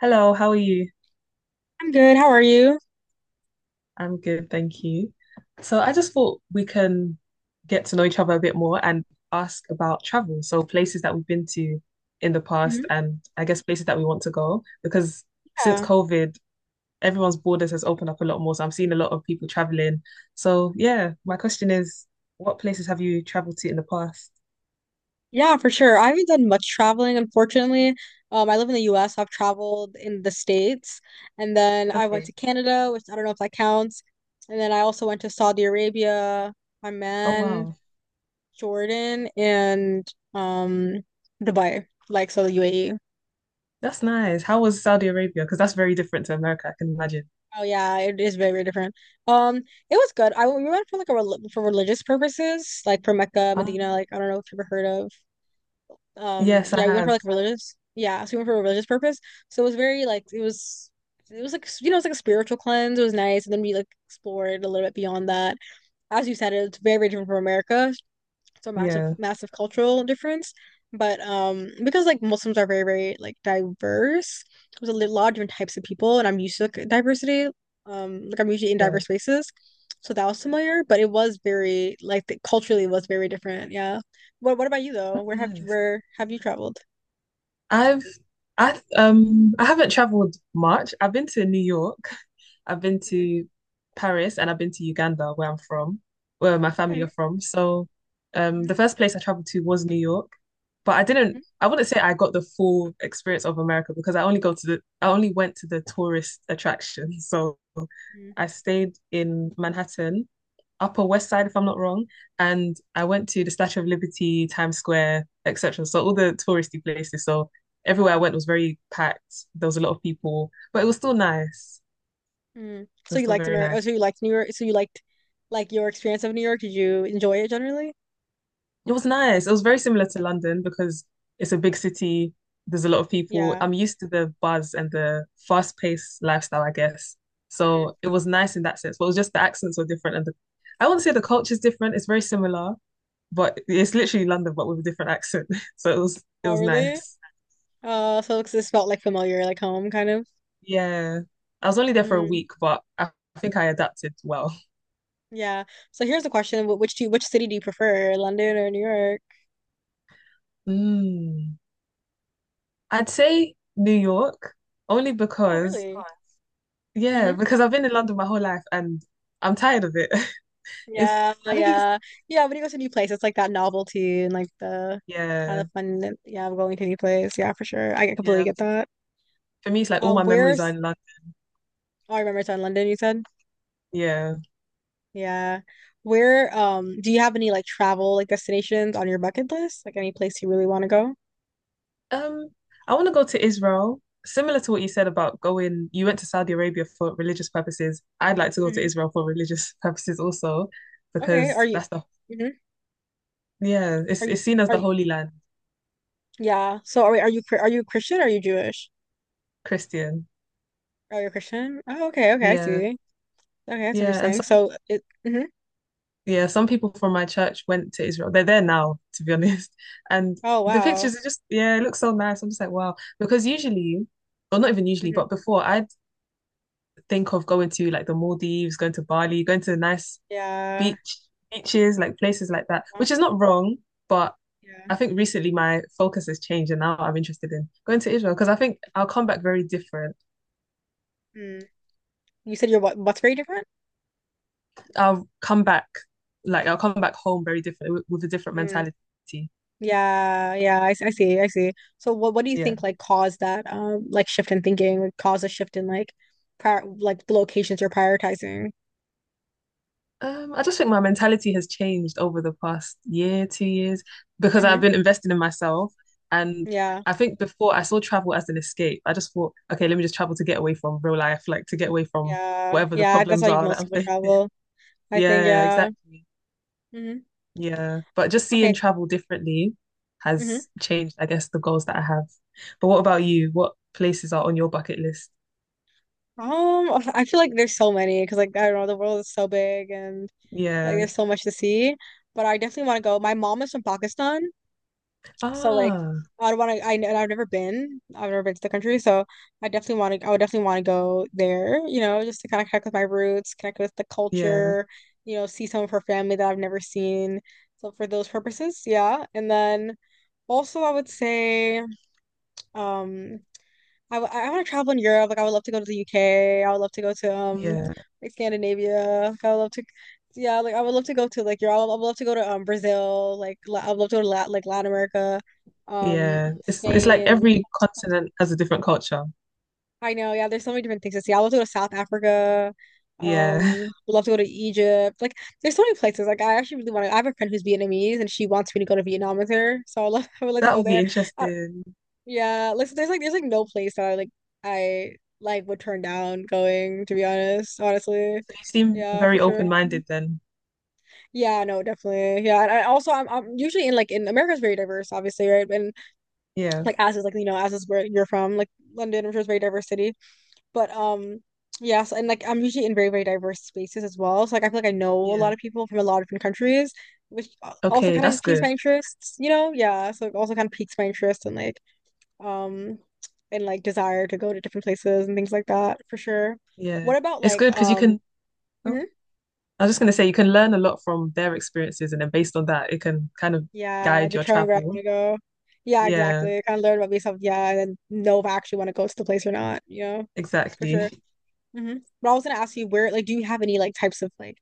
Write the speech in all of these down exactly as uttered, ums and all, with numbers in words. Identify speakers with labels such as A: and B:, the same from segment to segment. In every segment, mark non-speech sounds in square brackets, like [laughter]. A: Hello, how are you?
B: I'm good. How are you?
A: I'm good, thank you. So I just thought we can get to know each other a bit more and ask about travel. So places that we've been to in the past
B: Mhm.
A: and I guess places that we want to go because since
B: Yeah.
A: COVID, everyone's borders has opened up a lot more. So I'm seeing a lot of people traveling. So yeah, my question is, what places have you traveled to in the past?
B: Yeah, for sure. I haven't done much traveling, unfortunately. Um, I live in the U S. I've traveled in the States, and then I went
A: Okay.
B: to Canada, which I don't know if that counts. And then I also went to Saudi Arabia,
A: Oh
B: Oman,
A: wow.
B: Jordan, and um Dubai, like so the U A E.
A: That's nice. How was Saudi Arabia? Because that's very different to America, I can imagine.
B: Oh yeah, it is very, very different. Um, it was good. I we went for like a rel for religious purposes, like for Mecca, Medina,
A: Um,
B: like I don't know if you've ever heard of. Um
A: yes, I
B: yeah, we went for
A: have.
B: like religious yeah so we went for a religious purpose So it was very like it was it was like you know it's like a spiritual cleanse. It was nice, and then we like explored a little bit beyond that. As you said, it's very, very different from America. It's a massive,
A: Yeah,
B: massive cultural difference. But um, because like Muslims are very very like diverse, there's a li- lot of different types of people, and I'm used to like diversity. Um, like I'm usually in
A: yeah.
B: diverse spaces, so that was familiar. But it was very like the, culturally it was very different. Yeah. What What about you though?
A: That's
B: Where have you
A: nice.
B: where have you traveled?
A: I've I um I haven't traveled much. I've been to New York. I've been
B: Mhm.
A: to Paris and I've been to Uganda, where I'm from, where my family
B: Okay.
A: are from. So um,
B: Mm-hmm.
A: the first place I traveled to was New York, but I didn't. I wouldn't say I got the full experience of America because I only go to the I only went to the tourist attractions. [laughs] So
B: Mm-hmm.
A: I stayed in Manhattan, Upper West Side, if I'm not wrong, and I went to the Statue of Liberty, Times Square, et cetera. So all the touristy places. So everywhere I
B: Yeah.
A: went was very packed. There was a lot of people, but it was still nice.
B: Mm. So
A: That's
B: you
A: still
B: liked
A: very
B: America?
A: nice.
B: So you liked New York? So you liked like your experience of New York? Did you enjoy it generally?
A: It was nice. It was very similar to London because it's a big city. There's a lot of people.
B: Yeah.
A: I'm used to the buzz and the fast-paced lifestyle, I guess.
B: Mhm.
A: So it was nice in that sense. But it was just the accents were different and the I wouldn't say the culture's different. It's very similar, but it's literally London, but with a different accent. [laughs] So it was it
B: Oh,
A: was
B: really?
A: nice.
B: Oh, so it's- this felt like familiar, like home, kind of.
A: Yeah. I was only there for a
B: Mm,
A: week, but I think I adapted well.
B: yeah. So here's the question: Wh- Which do you, which city do you prefer, London or New York?
A: Mm. I'd say New York only
B: Oh,
A: because,
B: really? Fun.
A: yeah,
B: Hmm.
A: because I've been in London my whole life and I'm tired of it. [laughs] It's,
B: Yeah,
A: I think it's,
B: yeah, yeah. When you go to a new place, it's like that novelty and like the kind
A: Yeah,
B: of fun. that- Yeah, of going to a new place. Yeah, for sure. I completely
A: yeah.
B: get that.
A: For me, it's like all
B: Um,
A: my memories are
B: where's?
A: in London.
B: Oh, I remember it's in London. You said.
A: Yeah.
B: Yeah. Where? Um, do you have any like travel like destinations on your bucket list? Like any place you really want to go?
A: Um, I want to go to Israel. Similar to what you said about going, you went to Saudi Arabia for religious purposes. I'd like to go to
B: Hmm.
A: Israel for religious [laughs] purposes also,
B: Okay. Are
A: because
B: you?
A: that's the,
B: Hmm.
A: yeah,
B: Are
A: it's
B: you?
A: it's seen as
B: Are
A: the
B: you?
A: Holy Land.
B: Yeah. So are are you Chri- are you Christian? Are you Jewish?
A: Christian.
B: Are you Christian? Oh, okay, okay, I
A: Yeah.
B: see. Okay, that's
A: Yeah. And
B: interesting. So it. Mhm.
A: yeah, some people from my church went to Israel. They're there now, to be [laughs] honest. And
B: Oh
A: the
B: wow.
A: pictures are just, yeah, it looks so nice. I'm just like, wow. Because usually, or not even usually, but
B: Hmm.
A: before, I'd think of going to like the Maldives, going to Bali, going to nice
B: Yeah.
A: beach beaches, like places like that,
B: Well,
A: which is not wrong, but
B: yeah.
A: I think recently my focus has changed and now I'm interested in going to Israel because I think I'll come back very different.
B: Mm. You said your what? What's very different?
A: I'll come back, like I'll come back home very different with, with a different
B: Mm.
A: mentality.
B: Yeah. Yeah. I, s- I see. I see. So what what do you
A: Yeah.
B: think like caused that um like shift in thinking? Like cause a shift in like prior like the locations you're prioritizing?
A: Um, I just think my mentality has changed over the past year, two years, because I've
B: Hmm.
A: been investing in myself. And
B: Yeah.
A: I think before I saw travel as an escape. I just thought, okay, let me just travel to get away from real life, like to get away from
B: Yeah.
A: whatever the
B: Yeah. That's how
A: problems
B: you
A: are that
B: most
A: I'm
B: people
A: facing. [laughs]
B: travel. I think.
A: Yeah,
B: Yeah.
A: exactly.
B: Hmm.
A: Yeah. But just seeing
B: Okay.
A: travel differently
B: Mm-hmm.
A: has changed, I guess, the goals that I have. But what about you? What places are on your bucket list?
B: Um, I feel like there's so many because like I don't know, the world is so big and like
A: Yeah.
B: there's so much to see. But I definitely want to go. My mom is from Pakistan, so like
A: Ah,
B: I don't want to. I and I've never been. I've never been to the country, so I definitely want to. I would definitely want to go there. You know, just to kind of connect with my roots, connect with the
A: yeah,
B: culture. You know, see some of her family that I've never seen. So for those purposes, yeah. And then also I would say, um, I, w- I want to travel in Europe. Like I would love to go to the U K. I would love to go to um
A: yeah.
B: like Scandinavia. Like, I would love to, yeah. Like I would love to go to like Europe. I would, I would love to go to um Brazil. Like La- I would love to go to Lat like Latin America, um
A: Yeah, it's it's like
B: Spain.
A: every continent has a different culture.
B: I know. Yeah, there's so many different things to see. I would love to go to South Africa. Um,
A: Yeah,
B: would love to go to Egypt. Like there's so many places. Like I actually really want to. I have a friend who's Vietnamese and she wants me to go to Vietnam with her. So I love. [laughs] I would
A: [laughs]
B: like to
A: that
B: go
A: will be
B: there.
A: interesting.
B: Yeah, like so there's like there's like no place that I like I like would turn down going, to be honest, honestly.
A: So you seem
B: Yeah, for
A: very
B: sure. Mhm.
A: open-minded then.
B: Yeah, no, definitely. Yeah, and I also I'm I'm usually in like in America's very diverse, obviously, right? And
A: Yeah,
B: like as is like you know as is where you're from, like London, I'm sure is a very diverse city. But um, yeah, so, and like I'm usually in very very diverse spaces as well. So like I feel like I know a lot
A: yeah.
B: of people from a lot of different countries, which al- also
A: Okay,
B: kind of
A: that's
B: just piques
A: good.
B: my interests, you know? Yeah, so it also kind of piques my interest and like um and like desire to go to different places and things like that for sure.
A: Yeah,
B: What about
A: it's good
B: like
A: because you
B: um
A: can. Oh,
B: mhm,
A: I was just gonna say you can learn a lot from their experiences, and then based on that, it can kind of
B: yeah,
A: guide your
B: determine where I want
A: travel.
B: to go. Yeah,
A: Yeah,
B: exactly. Kind of learn about myself, yeah, and then know if I actually want to go to the place or not, you know, for
A: exactly.
B: sure. Hmm. But I was gonna ask you where like do you have any like types of like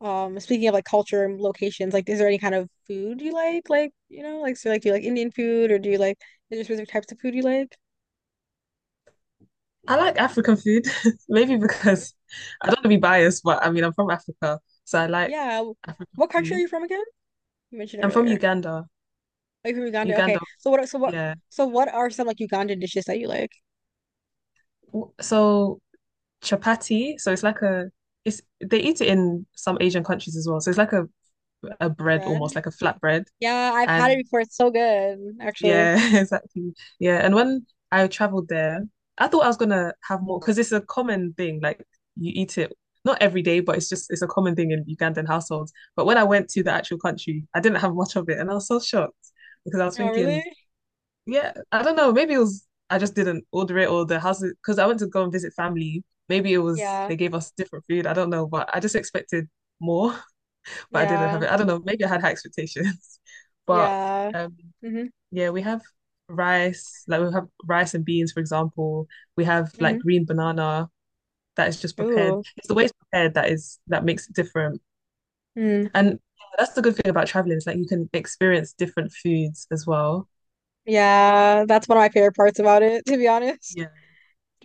B: um speaking of like culture and locations, like is there any kind of food you like? Like, you know, like so like do you like Indian food or do you like is there specific types of food you like?
A: I like African food, [laughs] maybe because I don't want to be biased, but I mean I'm from Africa, so I like
B: Yeah. w-
A: African
B: What country are
A: food.
B: you from again? You mentioned
A: I'm from
B: earlier.
A: Uganda.
B: Are you from Uganda? Okay.
A: Uganda,
B: So what? So what?
A: yeah.
B: So what are some like Ugandan dishes that you like?
A: w- So chapati, so it's like a it's they eat it in some Asian countries as well. So it's like a a bread
B: Bread?
A: almost like a flat bread.
B: Yeah, I've
A: Yeah.
B: had it
A: And
B: before. It's so good, actually.
A: yeah, [laughs] exactly. Yeah. And when I traveled there, I thought I was gonna have more because it's a common thing. Like you eat it not every day, but it's just it's a common thing in Ugandan households. But when I went to the actual country, I didn't have much of it and I was so shocked because I was
B: Oh, really?
A: thinking, yeah, I don't know. Maybe it was I just didn't order it or the house because I went to go and visit family. Maybe it was
B: Yeah.
A: they gave us different food. I don't know, but I just expected more, [laughs] but I didn't have
B: Yeah.
A: it. I don't know. Maybe I had high expectations. [laughs] But
B: Yeah.
A: um
B: Mm-hmm.
A: yeah, we have rice, like we have rice and beans, for example. We have
B: Mm-hmm.
A: like green banana that is just prepared.
B: Ooh.
A: It's the way it's prepared that is that makes it different.
B: Mm.
A: And that's the good thing about traveling, is like you can experience different foods as well.
B: Yeah. That's one of my favorite parts about it, to be honest.
A: Yeah.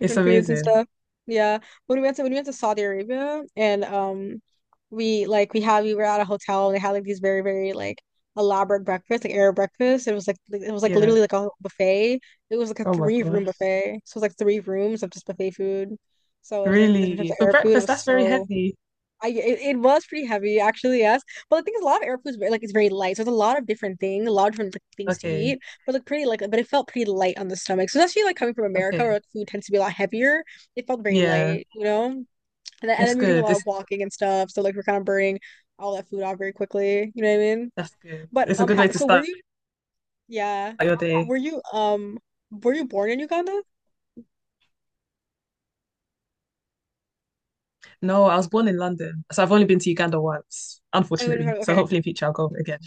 A: It's
B: foods and
A: amazing.
B: stuff. Yeah. When we went to when we went to Saudi Arabia and um we like we had we were at a hotel and they had like these very, very like elaborate breakfast, like Arab breakfast. It was like li- it was like
A: Yeah.
B: literally like a buffet. It was like a
A: Oh my
B: three room
A: gosh.
B: buffet. So it was like three rooms of just buffet food. So it was like different types
A: Really?
B: of
A: For
B: Arab food. It
A: breakfast,
B: was
A: that's very
B: so
A: heavy.
B: I it, it was pretty heavy actually, yes. But the thing is a lot of Arab food is very, like it's very light. So it's a lot of different things, a lot of different like, things to
A: Okay.
B: eat, but like pretty like but it felt pretty light on the stomach. So especially like coming from America where
A: Okay.
B: like food tends to be a lot heavier, it felt very
A: Yeah.
B: light, you know. And then, and
A: It's
B: then we were doing a
A: good.
B: lot
A: It's
B: of walking and stuff, so like we're kind of burning all that food off very quickly. You know what I mean?
A: that's good.
B: But
A: It's a
B: um,
A: good way
B: how
A: to
B: so were
A: start
B: you? Yeah,
A: your day.
B: were you um, were you born in Uganda?
A: No, I was born in London, so I've only been to Uganda once,
B: Oh, you were-
A: unfortunately. So
B: okay,
A: hopefully in future I'll go again.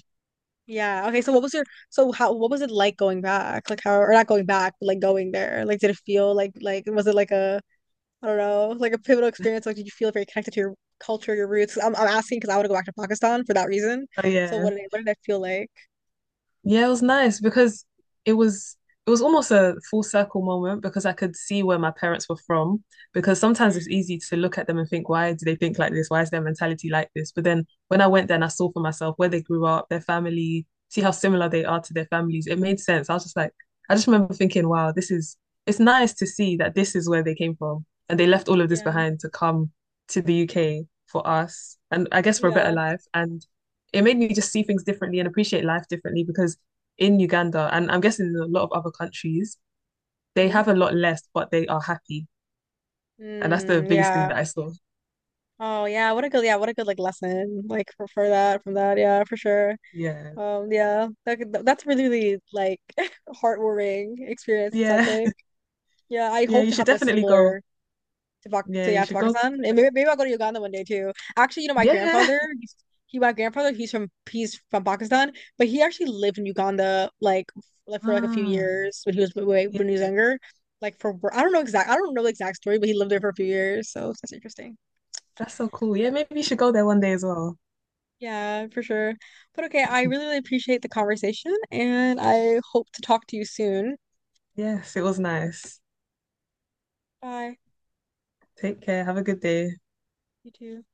B: Yeah. Okay. So what was your so how what was it like going back? Like how or not going back, but like going there? Like did it feel like like was it like a I don't know, like a pivotal experience? Like did you feel very connected to your culture, your roots? 'Cause I'm I'm asking because I want to go back to Pakistan for that reason.
A: Oh
B: So
A: yeah.
B: what did it, what did that feel like?
A: Yeah, it was nice because it was it was almost a full circle moment because I could see where my parents were from. Because sometimes
B: Mm.
A: it's easy to look at them and think, why do they think like this? Why is their mentality like this? But then when I went there and I saw for myself where they grew up, their family, see how similar they are to their families, it made sense. I was just like, I just remember thinking, wow, this is it's nice to see that this is where they came from. And they left all of this
B: Yeah.
A: behind to come to the U K for us and I guess for a better
B: Yeah.
A: life. And it made me just see things differently and appreciate life differently because in Uganda and I'm guessing in a lot of other countries, they
B: Hmm.
A: have a lot less, but they are happy. And that's the
B: Mm,
A: biggest thing
B: yeah.
A: that I saw.
B: Oh yeah, what a good yeah, what a good like lesson like for, for that from that yeah for sure.
A: Yeah.
B: Um yeah, that, could- that's really really like [laughs] heartwarming experience. It sounds
A: Yeah.
B: like.
A: [laughs]
B: Yeah, I
A: Yeah.
B: hope
A: You
B: to
A: should
B: have a
A: definitely go.
B: similar to Pak
A: Yeah.
B: to yeah
A: You
B: to
A: should go.
B: Pakistan, and maybe, maybe I'll go to Uganda one day too. Actually, you know, my
A: Yeah.
B: grandfather, he's, he my grandfather, he's from he's from Pakistan, but he actually lived in Uganda like like for like a few
A: Ah,
B: years when he was way
A: yeah.
B: when he was younger. Like for wor- I don't know exact I don't know the exact story, but he lived there for a few years, so that's interesting.
A: That's so cool. Yeah. Maybe you should go there one day as well.
B: Yeah, for sure. But okay, I really, really appreciate the conversation, and I hope to talk to you soon.
A: Yes. It was nice.
B: Bye.
A: Take care. Have a good day.
B: You too.